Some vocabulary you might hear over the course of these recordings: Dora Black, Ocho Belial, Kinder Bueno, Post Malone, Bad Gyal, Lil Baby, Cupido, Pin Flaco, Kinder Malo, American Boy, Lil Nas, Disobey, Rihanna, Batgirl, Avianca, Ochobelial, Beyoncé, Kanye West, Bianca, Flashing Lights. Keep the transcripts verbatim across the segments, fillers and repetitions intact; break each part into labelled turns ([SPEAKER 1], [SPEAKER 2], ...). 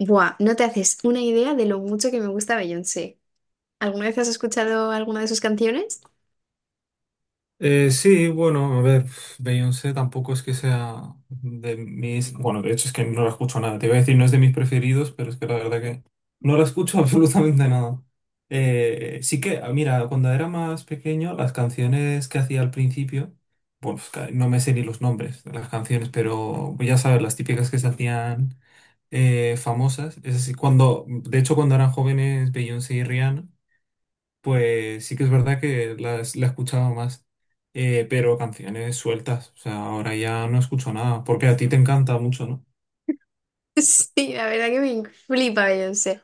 [SPEAKER 1] Buah, no te haces una idea de lo mucho que me gusta Beyoncé. ¿Alguna vez has escuchado alguna de sus canciones?
[SPEAKER 2] Eh, sí, bueno, a ver, Beyoncé tampoco es que sea de mis... Bueno, de hecho es que no la escucho nada. Te iba a decir, no es de mis preferidos, pero es que la verdad que no la escucho absolutamente nada. Eh, sí que, ah, mira, cuando era más pequeño, las canciones que hacía al principio, bueno, pues, ca- no me sé ni los nombres de las canciones, pero pues, ya sabes, las típicas que se hacían eh, famosas. Es así, cuando, de hecho, cuando eran jóvenes, Beyoncé y Rihanna. Pues sí que es verdad que la, es- la he escuchado más, eh, pero canciones sueltas, o sea, ahora ya no escucho nada, porque a ti te encanta mucho, ¿no?
[SPEAKER 1] Sí, la verdad que me flipa Beyoncé.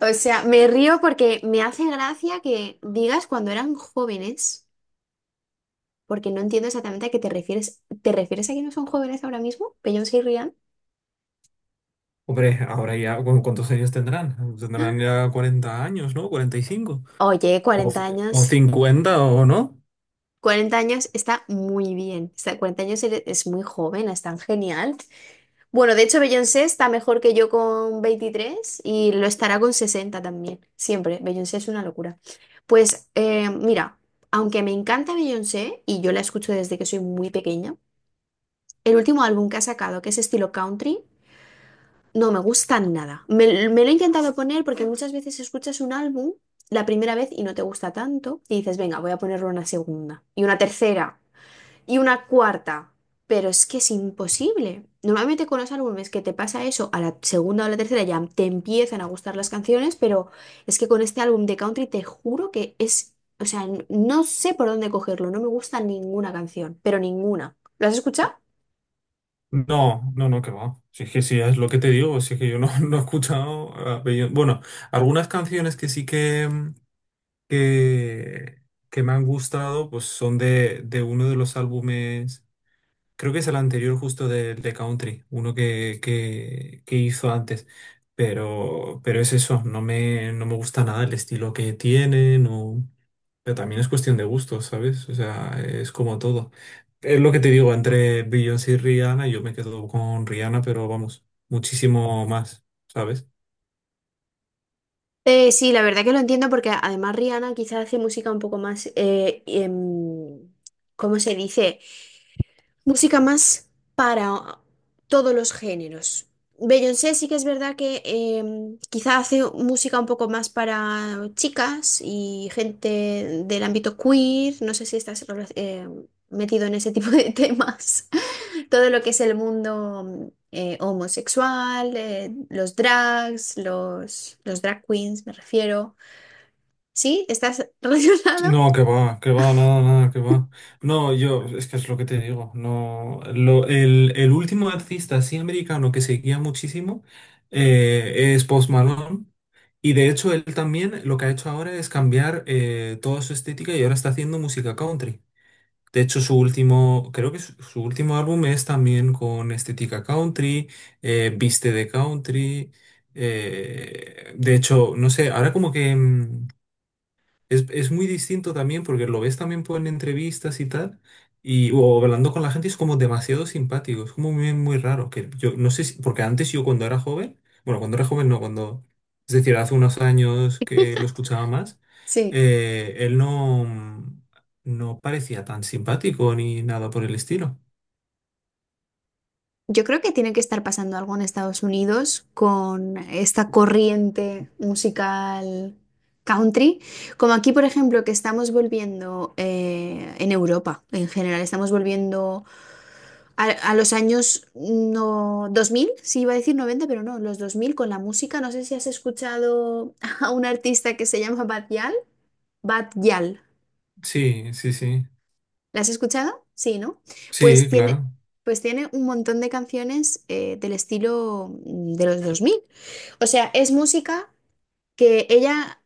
[SPEAKER 1] O sea, me río porque me hace gracia que digas cuando eran jóvenes, porque no entiendo exactamente a qué te refieres. ¿Te refieres a que no son jóvenes ahora mismo? Beyoncé y Rihanna.
[SPEAKER 2] Hombre, ahora ya, ¿cu- ¿cuántos años tendrán? Tendrán ya cuarenta años, ¿no? ¿cuarenta y cinco?
[SPEAKER 1] Oye,
[SPEAKER 2] ¿O,
[SPEAKER 1] cuarenta
[SPEAKER 2] ci- o
[SPEAKER 1] años.
[SPEAKER 2] cincuenta o no?
[SPEAKER 1] Cuarenta años está muy bien. Está, cuarenta años eres- es muy joven, es tan genial. Bueno, de hecho Beyoncé está mejor que yo con veintitrés y lo estará con sesenta también, siempre. Beyoncé es una locura. Pues eh, mira, aunque me encanta Beyoncé y yo la escucho desde que soy muy pequeña, el último álbum que ha sacado, que es estilo country, no me gusta nada. Me, me lo he intentado poner porque muchas veces escuchas un álbum la primera vez y no te gusta tanto y dices, venga, voy a ponerlo una segunda y una tercera. Y una cuarta. Pero es que es imposible. Normalmente con los álbumes que te pasa eso, a la segunda o la tercera ya te empiezan a gustar las canciones, pero es que con este álbum de country te juro que es, o sea, n- no sé por dónde cogerlo, no me gusta ninguna canción, pero ninguna. ¿Lo has escuchado?
[SPEAKER 2] No, no, no, que va. Si es que sí, es lo que te digo, si es que yo no, no he escuchado a Beyoncé. Bueno, algunas canciones que sí que, mm, que, que me han gustado, pues son de, de uno de los álbumes. Creo que es el anterior justo de, de Country, uno que, que, que hizo antes. Pero, pero es eso, no me, no me gusta nada el estilo que tiene, no... Pero también es cuestión de gustos, ¿sabes? O sea, es como todo. Es lo que te digo, entre Beyoncé y Rihanna, yo me quedo con Rihanna, pero vamos, muchísimo más, ¿sabes?
[SPEAKER 1] Eh, sí, la verdad que lo entiendo porque además Rihanna quizá hace música un poco más, eh, em, ¿cómo se dice? Música más para todos los géneros. Beyoncé sí que es verdad que em, quizá hace música un poco más para chicas y gente del ámbito queer. No sé si estás rela- eh, metido en ese tipo de temas. Todo lo que es el mundo eh, homosexual, eh, los drags, los, los drag queens, me refiero. ¿Sí? ¿Estás relacionado?
[SPEAKER 2] No, que va, que va, nada, nada, que va. No, yo, es que es lo que te digo. No, lo, el, el último artista así americano que seguía muchísimo eh, es Post Malone. Y de hecho, él también lo que ha hecho ahora es cambiar eh, toda su estética y ahora está haciendo música country. De hecho, su último, creo que su, su último álbum es también con estética country, eh, viste de country. Eh, de hecho, no sé, ahora como que. mm, es, es muy distinto también porque lo ves también por en entrevistas y tal, y, o hablando con la gente, es como demasiado simpático, es como muy, muy raro, que yo no sé si- porque antes yo cuando era joven, bueno, cuando era joven no, cuando, es decir, hace unos años que lo escuchaba más,
[SPEAKER 1] Sí.
[SPEAKER 2] eh, él no, no parecía tan simpático ni nada por el estilo.
[SPEAKER 1] Yo creo que tiene que estar pasando algo en Estados Unidos con esta corriente musical country, como aquí, por ejemplo, que estamos volviendo eh, en Europa en general, estamos volviendo a, a los años no, dos mil sí iba a decir noventa pero no, los dos mil con la música. No sé si has escuchado a un artista que se llama Bad Gyal. Bad Gyal.
[SPEAKER 2] Sí, sí, sí,
[SPEAKER 1] ¿La has escuchado? Sí, ¿no? Pues
[SPEAKER 2] sí,
[SPEAKER 1] tiene,
[SPEAKER 2] claro.
[SPEAKER 1] pues tiene un montón de canciones eh, del estilo mm, de los dos mil. O sea, es música que ella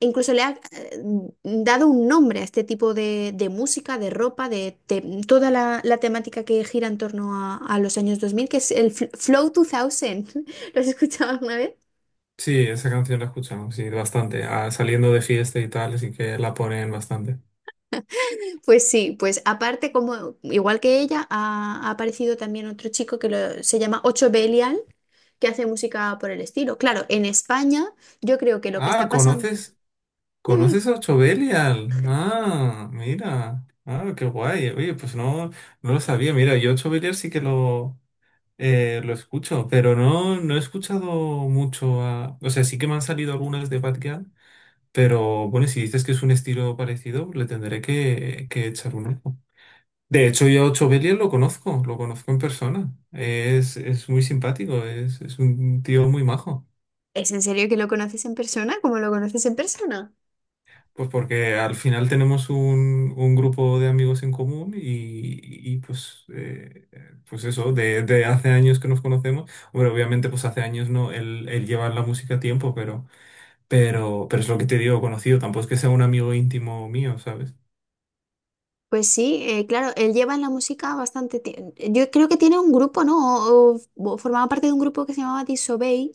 [SPEAKER 1] incluso le ha eh, mm, dado un nombre a este tipo de, de música, de ropa, de, te- toda la, la temática que gira en torno a, a los años dos mil, que es el fl- Flow dos mil. ¿Lo has escuchado alguna vez?
[SPEAKER 2] Sí, esa canción la escuchamos, sí, bastante, ah, saliendo de fiesta y tal, así que la ponen bastante.
[SPEAKER 1] Pues sí, pues aparte, como igual que ella, ha, ha aparecido también otro chico que lo- se llama Ocho Belial que hace música por el estilo. Claro, en España yo creo que lo que
[SPEAKER 2] Ah,
[SPEAKER 1] está pasando...
[SPEAKER 2] ¿conoces?
[SPEAKER 1] Dime,
[SPEAKER 2] ¿Conoces a Ochobelial? Ah, mira. Ah, qué guay. Oye, pues no, no lo sabía. Mira, yo Ochobelial sí que lo, eh, lo escucho, pero no, no he escuchado mucho a... O sea, sí que me han salido algunas de Batgirl, pero bueno, si dices que es un estilo parecido, le tendré que, que echar un ojo. De hecho, yo a Ochobelial lo conozco, lo conozco en persona. Es, es muy simpático, es, es un tío muy majo.
[SPEAKER 1] ¿es en serio que lo conoces en persona? ¿Cómo lo conoces en persona?
[SPEAKER 2] Pues porque al final tenemos un, un grupo de amigos en común y, y, pues, eh, pues eso, de, de hace años que nos conocemos. Hombre, obviamente pues hace años no, él, él lleva en la música tiempo, pero, pero, pero es lo que te digo, conocido, tampoco es que sea un amigo íntimo mío, ¿sabes?
[SPEAKER 1] Pues sí, eh, claro, él lleva en la música bastante tiempo. Yo creo que tiene un grupo, ¿no? O, o o formaba parte de un grupo que se llamaba Disobey,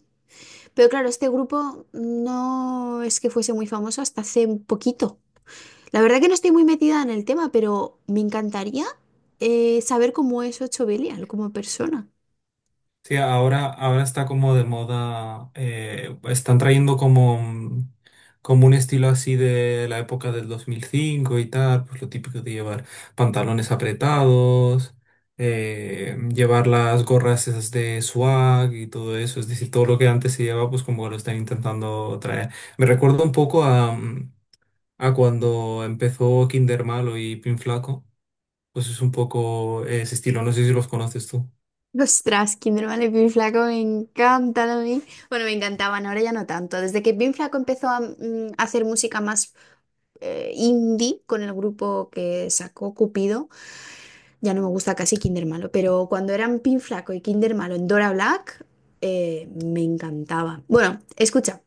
[SPEAKER 1] pero claro, este grupo no es que fuese muy famoso hasta hace un poquito. La verdad que no estoy muy metida en el tema, pero me encantaría eh, saber cómo es Ocho Belial como persona.
[SPEAKER 2] Sí, ahora, ahora está como de moda, eh, están trayendo como, un- como un estilo así de la época del dos mil cinco y tal, pues lo típico de llevar pantalones apretados, eh, llevar las gorras esas de swag y todo eso, es decir, todo lo que antes se llevaba, pues como lo están intentando traer. Me recuerda un poco a, mm, a cuando empezó Kinder Malo y Pin Flaco, pues es un poco ese estilo, no sé si los conoces tú.
[SPEAKER 1] Ostras, Kinder Bueno y Pin Flaco me encantan a mí. Bueno, me encantaban, ahora ya no tanto. Desde que Pin Flaco empezó a mm, a hacer música más eh, indie con el grupo que sacó Cupido, ya no me gusta casi Kinder Malo. Pero cuando eran Pin Flaco y Kinder Malo en Dora Black, eh, me encantaba. Bueno, escucha.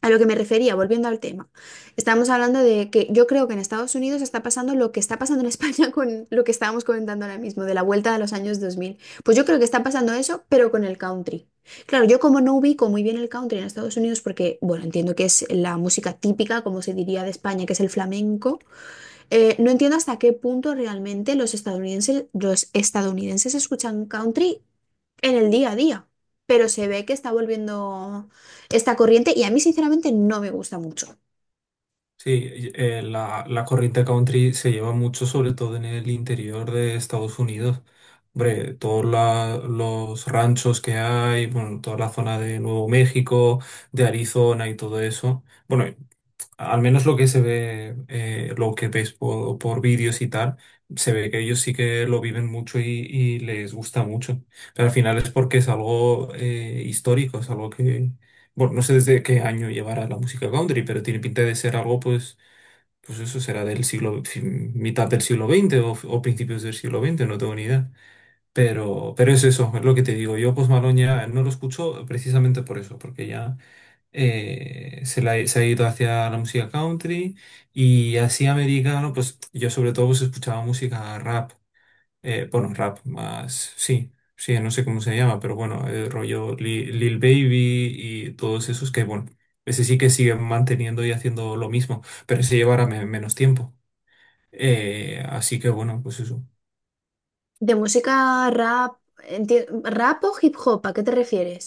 [SPEAKER 1] A lo que me refería, volviendo al tema, estábamos hablando de que yo creo que en Estados Unidos está pasando lo que está pasando en España con lo que estábamos comentando ahora mismo, de la vuelta de los años dos mil. Pues yo creo que está pasando eso, pero con el country. Claro, yo como no ubico muy bien el country en Estados Unidos, porque, bueno, entiendo que es la música típica, como se diría de España, que es el flamenco, eh, no entiendo hasta qué punto realmente los estadounidenses, los estadounidenses escuchan country en el día a día, pero se ve que está volviendo esta corriente y a mí sinceramente no me gusta mucho.
[SPEAKER 2] Sí, y- eh, la, la corrida country se lleva mucho, sobre todo en el interior de Estados Unidos. Hombre, todos la- los ranchos que hay, bueno, toda la zona de Nuevo México, de Arizona y todo eso. Bueno, al menos lo que se ve, eh, lo que ves por, por vídeos y tal, se ve que ellos sí que lo viven mucho y, y les gusta mucho. Pero al final es porque es algo eh, histórico, es algo que, bueno, no sé desde qué año llevará la música country, pero tiene pinta de ser algo, pues, pues eso será del siglo, fi- mitad del siglo veinte o, o principios del siglo veinte, no tengo ni idea. Pero, pero es eso, es lo que te digo. Yo Post Malone ya no lo escucho precisamente por eso, porque ya eh, se, la- se ha ido hacia la música country y así americano, pues yo sobre todo pues, escuchaba música rap eh, bueno, rap más, sí, sí, no sé cómo se llama, pero bueno, el rollo Li- Lil Baby y todos esos que, bueno, ese sí que siguen manteniendo y haciendo lo mismo, pero ese llevará me- menos tiempo. Eh, así que bueno, pues eso.
[SPEAKER 1] De música rap, enti- rap o hip hop, ¿a qué te refieres?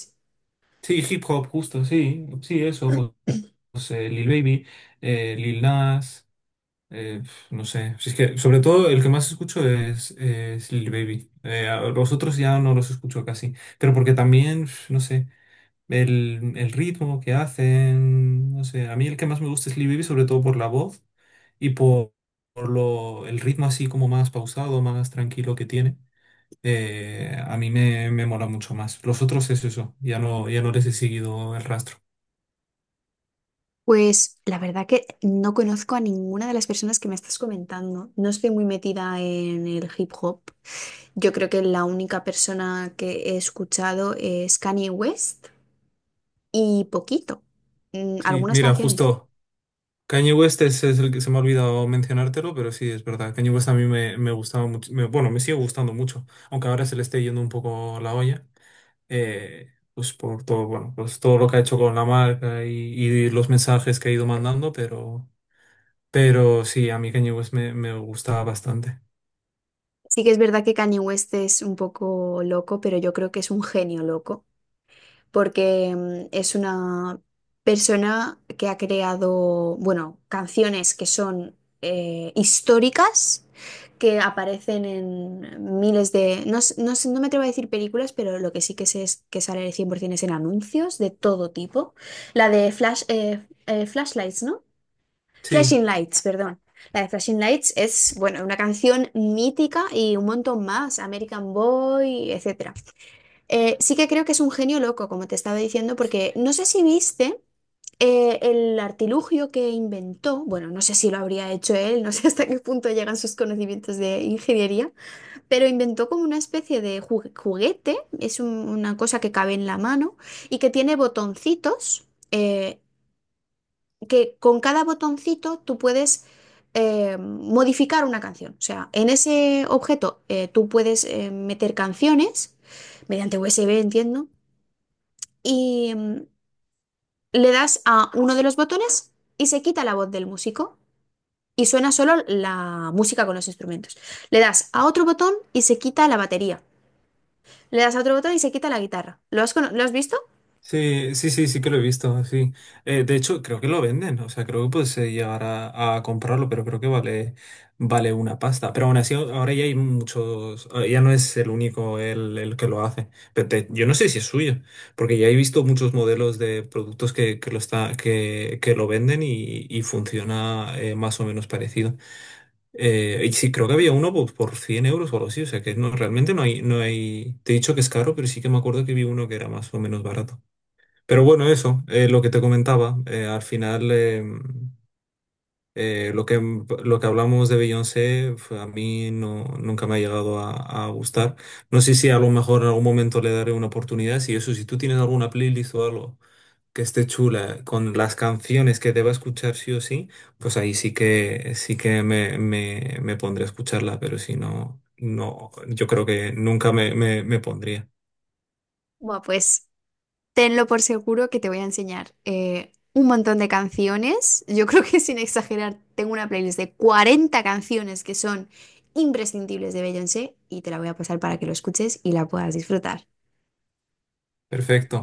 [SPEAKER 2] Sí, hip hop, justo, sí, sí, eso, pues, pues, eh, Lil Baby, eh, Lil Nas, eh, pf, no sé, si es que sobre todo el que más escucho es, es Lil Baby. Eh, a los otros ya no los escucho casi, pero porque también, pf, no sé. El, el ritmo que hacen, no sé, a mí el que más me gusta es Lee Baby, sobre todo por la voz y por, por lo, el ritmo así como más pausado, más tranquilo que tiene. Eh, a mí me, me mola mucho más. Los otros es eso, ya no, ya no les he seguido el rastro.
[SPEAKER 1] Pues la verdad que no conozco a ninguna de las personas que me estás comentando. No estoy muy metida en el hip hop. Yo creo que la única persona que he escuchado es Kanye West y poquito, mm,
[SPEAKER 2] Sí,
[SPEAKER 1] algunas
[SPEAKER 2] mira,
[SPEAKER 1] canciones.
[SPEAKER 2] justo Kanye West es, es el que se me ha olvidado mencionártelo, pero sí, es verdad. Kanye West a mí me, me gustaba mucho, me- bueno, me sigue gustando mucho, aunque ahora se le esté yendo un poco la olla. Eh, pues por todo, bueno, pues todo lo que ha hecho con la marca y, y los mensajes que ha ido mandando, pero, pero sí, a mí Kanye West me, me gusta bastante.
[SPEAKER 1] Sí que es verdad que Kanye West es un poco loco, pero yo creo que es un genio loco. Porque mm, es una persona que ha creado, bueno, canciones que son eh, históricas, que aparecen en miles de, no, s- no, s- no me atrevo a decir películas, pero lo que sí que sé es que sale cien por ciento es en anuncios de todo tipo. La de Flash, eh, eh, Flashlights, ¿no?
[SPEAKER 2] Sí.
[SPEAKER 1] Flashing Lights, perdón. La de Flashing Lights es, bueno, una canción mítica y un montón más, American Boy, etcétera. Eh, sí que creo que es un genio loco, como te estaba diciendo, porque no sé si viste eh, el artilugio que inventó, bueno, no sé si lo habría hecho él, no sé hasta qué punto llegan sus conocimientos de ingeniería, pero inventó como una especie de ju- juguete, es un- una cosa que cabe en la mano y que tiene botoncitos, eh, que con cada botoncito tú puedes... eh, modificar una canción. O sea, en ese objeto eh, tú puedes eh, meter canciones mediante U S B, entiendo, y mm, le das a uno de los botones y se quita la voz del músico y suena solo la música con los instrumentos. Le das a otro botón y se quita la batería. Le das a otro botón y se quita la guitarra. ¿Lo has, cono- lo has visto?
[SPEAKER 2] Sí, sí, sí, sí que lo he visto, sí. Eh, de hecho, creo que lo venden, o sea, creo que puedes eh, llegar a, a comprarlo, pero creo que vale, vale una pasta. Pero aún así, ahora ya hay muchos, ah, ya no es el único el, el que lo hace. Pero te- yo no sé si es suyo, porque ya he visto muchos modelos de productos que, que lo está, que, que lo venden y, y funciona eh, más o menos parecido. Eh, y sí, creo que había uno por, por cien euros o algo así, o sea, que no, realmente no hay, no hay, te he dicho que es caro, pero sí que me acuerdo que vi uno que era más o menos barato. Pero bueno, eso, eh, lo que te comentaba, eh, al final em, eh, lo que, lo que hablamos de Beyoncé fue- a mí no, nunca me ha llegado a, a gustar. No sé si a lo mejor en algún momento le daré una oportunidad. Si eso, si tú tienes alguna playlist o algo que esté chula con las canciones que deba escuchar sí o sí, pues ahí sí que, sí que me, me, me pondré a escucharla, pero si no, no, yo creo que nunca me, me me pondría.
[SPEAKER 1] Bueno, pues tenlo por seguro que te voy a enseñar eh, un montón de canciones. Yo creo que sin exagerar, tengo una playlist de cuarenta canciones que son imprescindibles de Beyoncé y te la voy a pasar para que lo escuches y la puedas disfrutar.
[SPEAKER 2] Perfecto.